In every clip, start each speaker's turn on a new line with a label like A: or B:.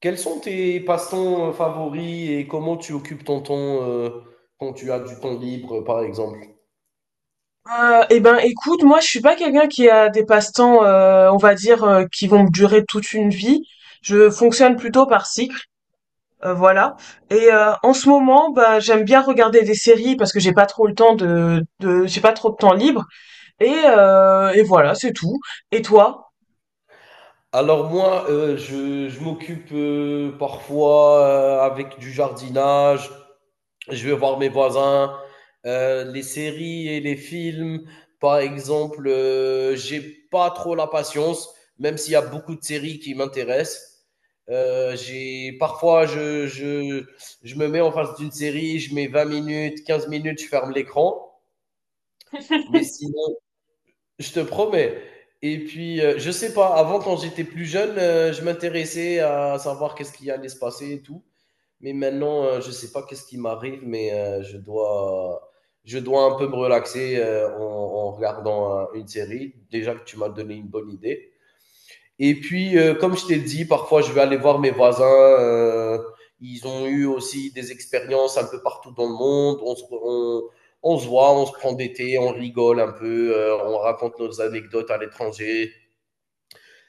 A: Quels sont tes passe-temps favoris et comment tu occupes ton temps, quand tu as du temps libre, par exemple?
B: Eh ben, écoute, moi, je suis pas quelqu'un qui a des passe-temps, on va dire, qui vont me durer toute une vie. Je fonctionne plutôt par cycle, voilà. En ce moment, bah, j'aime bien regarder des séries parce que j'ai pas trop de temps libre. Et voilà, c'est tout. Et toi?
A: Alors moi, je m'occupe, parfois, avec du jardinage. Je vais voir mes voisins, les séries et les films. Par exemple, j'ai pas trop la patience, même s'il y a beaucoup de séries qui m'intéressent. J'ai parfois je me mets en face d'une série, je mets 20 minutes, 15 minutes, je ferme l'écran. Mais sinon, je te promets. Et puis, je sais pas, avant, quand j'étais plus jeune, je m'intéressais à savoir qu'est-ce qui allait se passer et tout. Mais maintenant, je sais pas qu'est-ce qui m'arrive, mais je dois un peu me relaxer en regardant une série. Déjà que tu m'as donné une bonne idée. Et puis, comme je t'ai dit, parfois je vais aller voir mes voisins. Ils ont eu aussi des expériences un peu partout dans le monde. On se voit, on se prend des thés, on rigole un peu, on raconte nos anecdotes à l'étranger.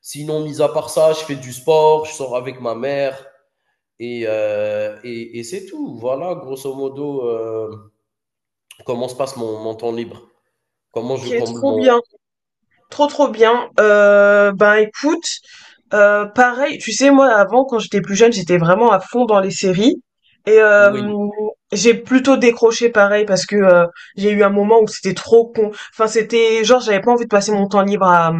A: Sinon, mis à part ça, je fais du sport, je sors avec ma mère et, et c'est tout. Voilà, grosso modo, comment se passe mon temps libre. Comment je
B: Ok,
A: comble
B: trop
A: mon.
B: bien, trop trop bien. Ben, écoute. Pareil, tu sais, moi avant, quand j'étais plus jeune, j'étais vraiment à fond dans les séries. Et
A: Oui,
B: euh, j'ai plutôt décroché pareil parce que j'ai eu un moment où c'était trop con. Enfin, c'était genre j'avais pas envie de passer mon temps libre à,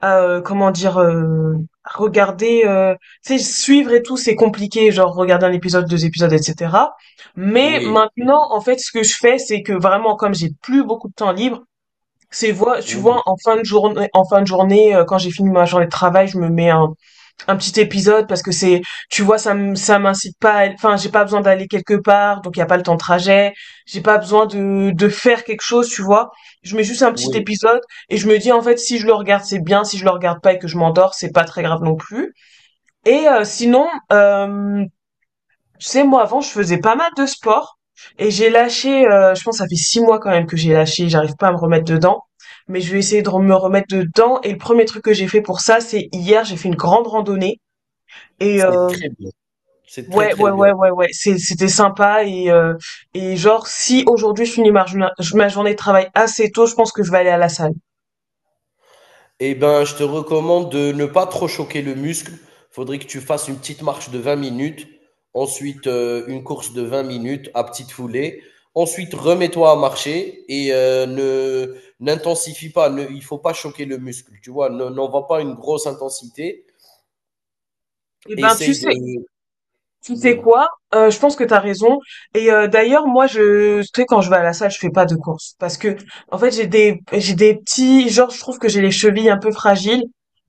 B: à, euh, comment dire, à regarder, tu sais, suivre et tout, c'est compliqué. Genre regarder un épisode, deux épisodes, etc. Mais
A: oui,
B: maintenant, en fait, ce que je fais, c'est que vraiment, comme j'ai plus beaucoup de temps libre, tu vois,
A: oui,
B: en fin de journée, quand j'ai fini ma journée de travail, je me mets un petit épisode, parce que c'est tu vois, ça m'incite pas enfin j'ai pas besoin d'aller quelque part, donc il y a pas le temps de trajet, j'ai pas besoin de faire quelque chose, tu vois, je mets juste un petit
A: oui.
B: épisode. Et je me dis, en fait, si je le regarde c'est bien, si je le regarde pas et que je m'endors c'est pas très grave non plus. Sinon, tu sais, moi avant je faisais pas mal de sport, et j'ai lâché. Je pense que ça fait 6 mois quand même que j'ai lâché, j'arrive pas à me remettre dedans, mais je vais essayer de me remettre dedans. Et le premier truc que j'ai fait pour ça, c'est hier j'ai fait une grande randonnée. et
A: C'est
B: euh,
A: très bien. C'est très,
B: Ouais,
A: très
B: ouais,
A: bien.
B: ouais, ouais, ouais. C'était sympa. Et genre si aujourd'hui je finis ma journée de travail assez tôt, je pense que je vais aller à la salle.
A: Eh ben, je te recommande de ne pas trop choquer le muscle. Faudrait que tu fasses une petite marche de 20 minutes. Ensuite, une course de 20 minutes à petite foulée. Ensuite, remets-toi à marcher et ne n'intensifie pas. Ne, Il faut pas choquer le muscle. Tu vois, n'envoie pas une grosse intensité.
B: Eh ben, tu
A: Essaye de.
B: sais. Tu sais
A: Oui,
B: quoi? Je pense que t'as raison. D'ailleurs, moi, tu sais, quand je vais à la salle je fais pas de course parce que, en fait, j'ai des petits, genre, je trouve que j'ai les chevilles un peu fragiles.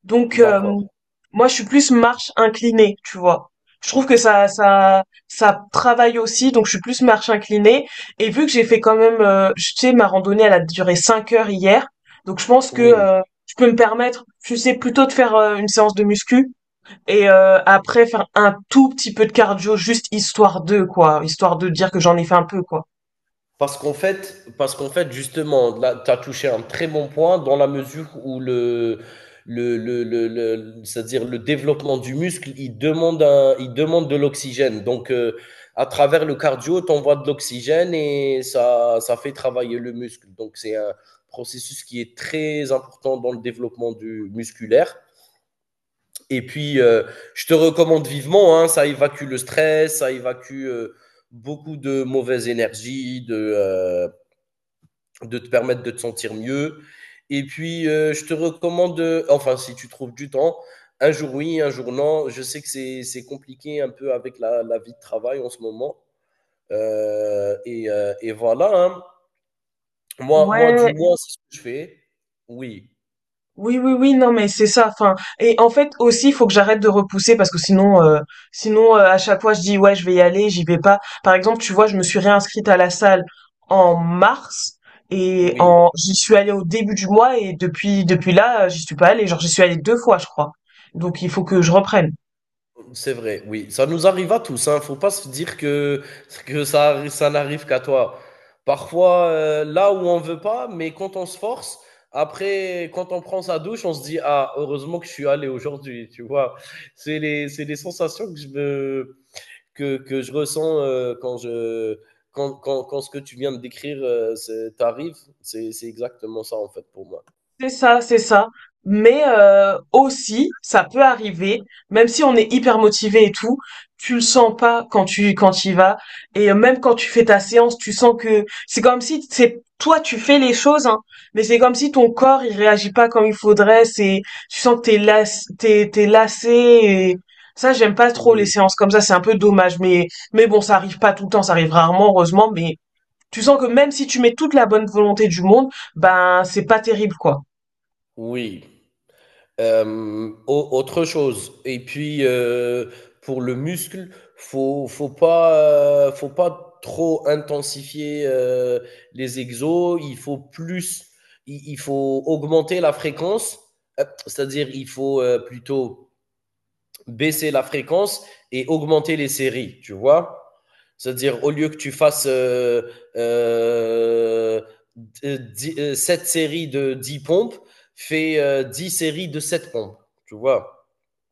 B: Donc,
A: d'accord.
B: moi, je suis plus marche inclinée, tu vois. Je trouve que ça travaille aussi. Donc, je suis plus marche inclinée. Et vu que j'ai fait quand même, tu sais, ma randonnée, elle a duré 5 heures hier. Donc, je pense que
A: Oui.
B: je peux me permettre, tu sais, plutôt de faire une séance de muscu, et après faire un tout petit peu de cardio, juste histoire de quoi, histoire de dire que j'en ai fait un peu quoi.
A: Parce qu'en fait, justement, là, tu as touché un très bon point dans la mesure où c'est-à-dire le développement du muscle, il demande il demande de l'oxygène. Donc, à travers le cardio, tu envoies de l'oxygène et ça fait travailler le muscle. Donc, c'est un processus qui est très important dans le développement du musculaire. Et puis, je te recommande vivement, hein, ça évacue le stress, ça évacue beaucoup de mauvaises énergies, de te permettre de te sentir mieux. Et puis, je te recommande, enfin, si tu trouves du temps, un jour oui, un jour non. Je sais que c'est compliqué un peu avec la vie de travail en ce moment. Et voilà, hein. Moi, du
B: Ouais,
A: moins, c'est ce que je fais. Oui,
B: oui, oui, oui, non, mais c'est ça. Enfin, et en fait aussi, il faut que j'arrête de repousser parce que sinon à chaque fois, je dis ouais, je vais y aller, j'y vais pas. Par exemple, tu vois, je me suis réinscrite à la salle en mars, et
A: oui.
B: en j'y suis allée au début du mois, et depuis là, j'y suis pas allée. Genre, j'y suis allée deux fois, je crois. Donc, il faut que je reprenne.
A: C'est vrai, oui. Ça nous arrive à tous, hein. Faut pas se dire que ça n'arrive qu'à toi. Parfois, là où on veut pas, mais quand on se force, après, quand on prend sa douche, on se dit, ah, heureusement que je suis allé aujourd'hui, tu vois. C'est c'est les sensations que que je ressens quand je, quand, quand, quand ce que tu viens de décrire t'arrive. C'est exactement ça, en fait, pour moi.
B: C'est ça, c'est ça. Mais aussi, ça peut arriver, même si on est hyper motivé et tout, tu le sens pas quand tu y vas. Même quand tu fais ta séance, tu sens que c'est comme si c'est toi tu fais les choses, hein, mais c'est comme si ton corps il réagit pas comme il faudrait. C'est Tu sens que t'es lassé. Et ça, j'aime pas trop les
A: Oui.
B: séances comme ça. C'est un peu dommage, mais bon, ça arrive pas tout le temps, ça arrive rarement heureusement, mais tu sens que même si tu mets toute la bonne volonté du monde, ben c'est pas terrible quoi.
A: Oui. Hem, au autre chose et puis, pour le muscle, faut pas trop intensifier, les exos. Il faut plus, il faut augmenter la fréquence, c'est-à-dire il faut, plutôt baisser la fréquence et augmenter les séries, tu vois. C'est-à-dire, au lieu que tu fasses euh, dix- euh, séries de 10 pompes, fais 10 séries de 7 pompes, tu vois.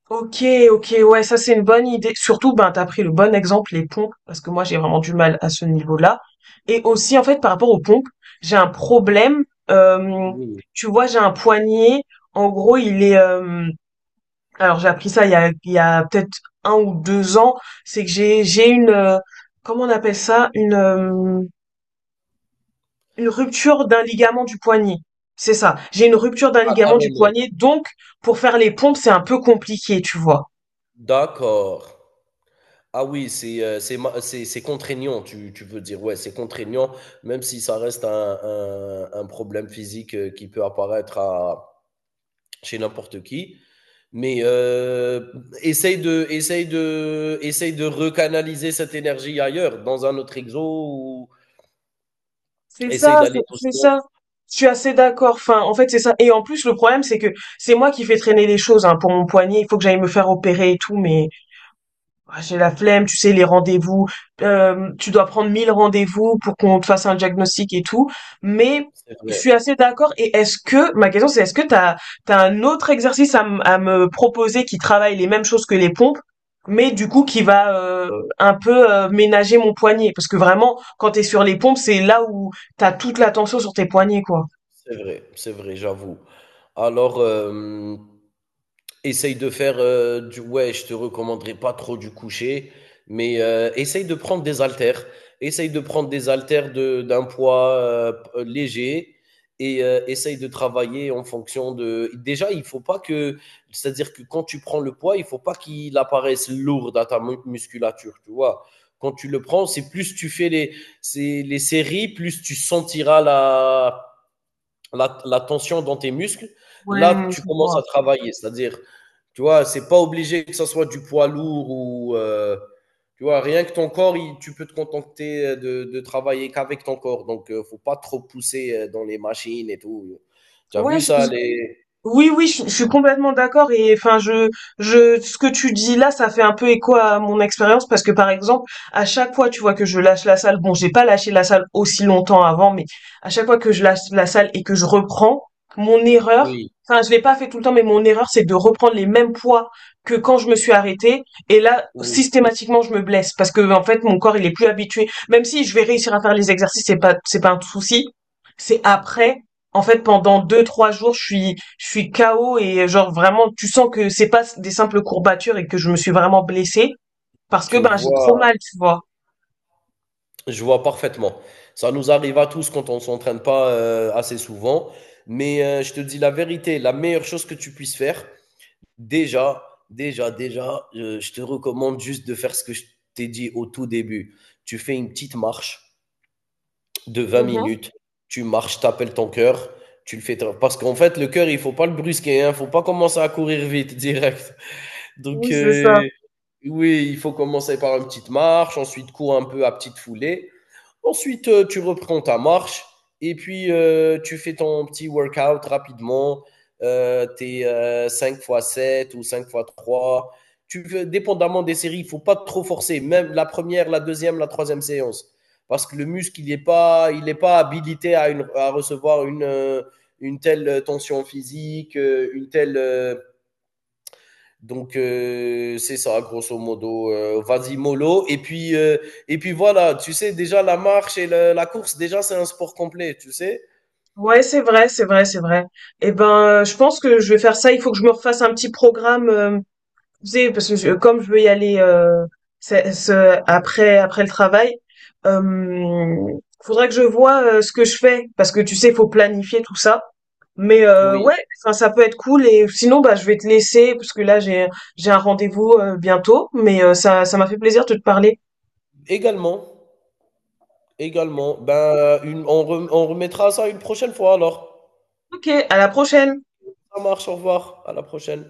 B: Ok, ok, ouais, ça c'est une bonne idée. Surtout, ben, t'as pris le bon exemple, les pompes, parce que moi j'ai vraiment du mal à ce niveau-là. Et aussi, en fait, par rapport aux pompes, j'ai un problème. euh,
A: Oui.
B: Tu vois, j'ai un poignet. En gros, il est, alors j'ai appris ça il y a peut-être 1 ou 2 ans, c'est que j'ai une, comment on appelle ça, une, une rupture d'un ligament du poignet. C'est ça. J'ai une rupture d'un
A: Ah,
B: ligament du
A: carrément.
B: poignet, donc pour faire les pompes c'est un peu compliqué, tu vois.
A: D'accord. Ah oui, c'est c'est contraignant, tu veux dire. Ouais, c'est contraignant, même si ça reste un problème physique qui peut apparaître chez n'importe qui. Mais essaye de recanaliser cette énergie ailleurs, dans un autre exo, ou
B: C'est
A: essaye
B: ça,
A: d'aller
B: c'est
A: doucement.
B: ça. Je suis assez d'accord. Enfin, en fait, c'est ça. Et en plus, le problème c'est que c'est moi qui fais traîner les choses, hein, pour mon poignet. Il faut que j'aille me faire opérer et tout, mais, ah, j'ai la flemme, tu sais, les rendez-vous. Tu dois prendre 1000 rendez-vous pour qu'on te fasse un diagnostic et tout. Mais
A: C'est
B: je
A: vrai,
B: suis assez d'accord. Ma question c'est, est-ce que t'as un autre exercice à me proposer qui travaille les mêmes choses que les pompes, mais du coup qui va, un peu, ménager mon poignet? Parce que vraiment, quand t'es sur les pompes, c'est là où t'as toute l'attention sur tes poignets, quoi.
A: c'est vrai, j'avoue. Alors, essaye de faire du ouais, je te recommanderais pas trop du coucher, mais essaye de prendre des haltères. Essaye de prendre des d'un poids léger et essaye de travailler en fonction de. Déjà, il faut pas que, c'est-à-dire que quand tu prends le poids, il faut pas qu'il apparaisse lourd dans ta musculature, tu vois. Quand tu le prends, c'est les séries, plus tu sentiras la tension dans tes muscles. Là,
B: Ouais,
A: tu
B: je
A: commences
B: vois.
A: à travailler, c'est-à-dire tu vois, c'est pas obligé que ça soit du poids lourd ou. Tu vois, rien que ton corps, tu peux te contenter de travailler qu'avec ton corps. Donc, faut pas trop pousser dans les machines et tout. Tu as
B: Ouais,
A: vu
B: je,
A: ça, les.
B: Oui, oui, je suis complètement d'accord. Et enfin, je ce que tu dis là, ça fait un peu écho à mon expérience, parce que par exemple, à chaque fois tu vois que je lâche la salle, bon, j'ai pas lâché la salle aussi longtemps avant, mais à chaque fois que je lâche la salle et que je reprends, mon erreur,
A: Oui,
B: enfin je l'ai pas fait tout le temps, mais mon erreur c'est de reprendre les mêmes poids que quand je me suis arrêtée. Et là,
A: oui.
B: systématiquement, je me blesse parce que en fait mon corps il est plus habitué. Même si je vais réussir à faire les exercices, c'est pas un souci, c'est après, en fait, pendant 2, 3 jours, je suis KO et genre vraiment, tu sens que c'est pas des simples courbatures et que je me suis vraiment blessée parce que
A: Tu
B: ben, j'ai trop
A: vois,
B: mal, tu vois.
A: je vois parfaitement. Ça nous arrive à tous quand on s'entraîne pas assez souvent. Mais je te dis la vérité, la meilleure chose que tu puisses faire, déjà, déjà, je te recommande juste de faire ce que je t'ai dit au tout début. Tu fais une petite marche de vingt
B: Mhm.
A: minutes. Tu marches, tu appelles ton cœur, tu le fais. Parce qu'en fait, le cœur, il faut pas le brusquer, hein, faut pas commencer à courir vite direct.
B: Oui,
A: Donc,
B: c'est ça.
A: oui, il faut commencer par une petite marche, ensuite cours un peu à petite foulée. Ensuite, tu reprends ta marche et puis tu fais ton petit workout rapidement. Tes 5 x 7 ou 5 x trois. Tu veux, dépendamment des séries, il faut pas trop forcer, même la première, la deuxième, la troisième séance. Parce que le muscle, il est pas habilité à, à recevoir une telle tension physique, une telle donc c'est ça, grosso modo. Vas-y mollo. Et puis voilà, tu sais déjà la marche et la course, déjà c'est un sport complet, tu sais.
B: Ouais, c'est vrai, c'est vrai, c'est vrai. Eh ben, je pense que je vais faire ça. Il faut que je me refasse un petit programme. Tu sais, parce que comme je veux y aller, après le travail, euh, faudrait que je vois ce que je fais, parce que tu sais, faut planifier tout ça. Mais
A: Oui,
B: ouais, enfin ça peut être cool. Et sinon, bah, je vais te laisser parce que là j'ai un rendez-vous bientôt. Mais ça m'a fait plaisir de te parler.
A: également, Ben on remettra ça une prochaine fois alors.
B: Ok, à la prochaine.
A: Ça marche, au revoir, à la prochaine.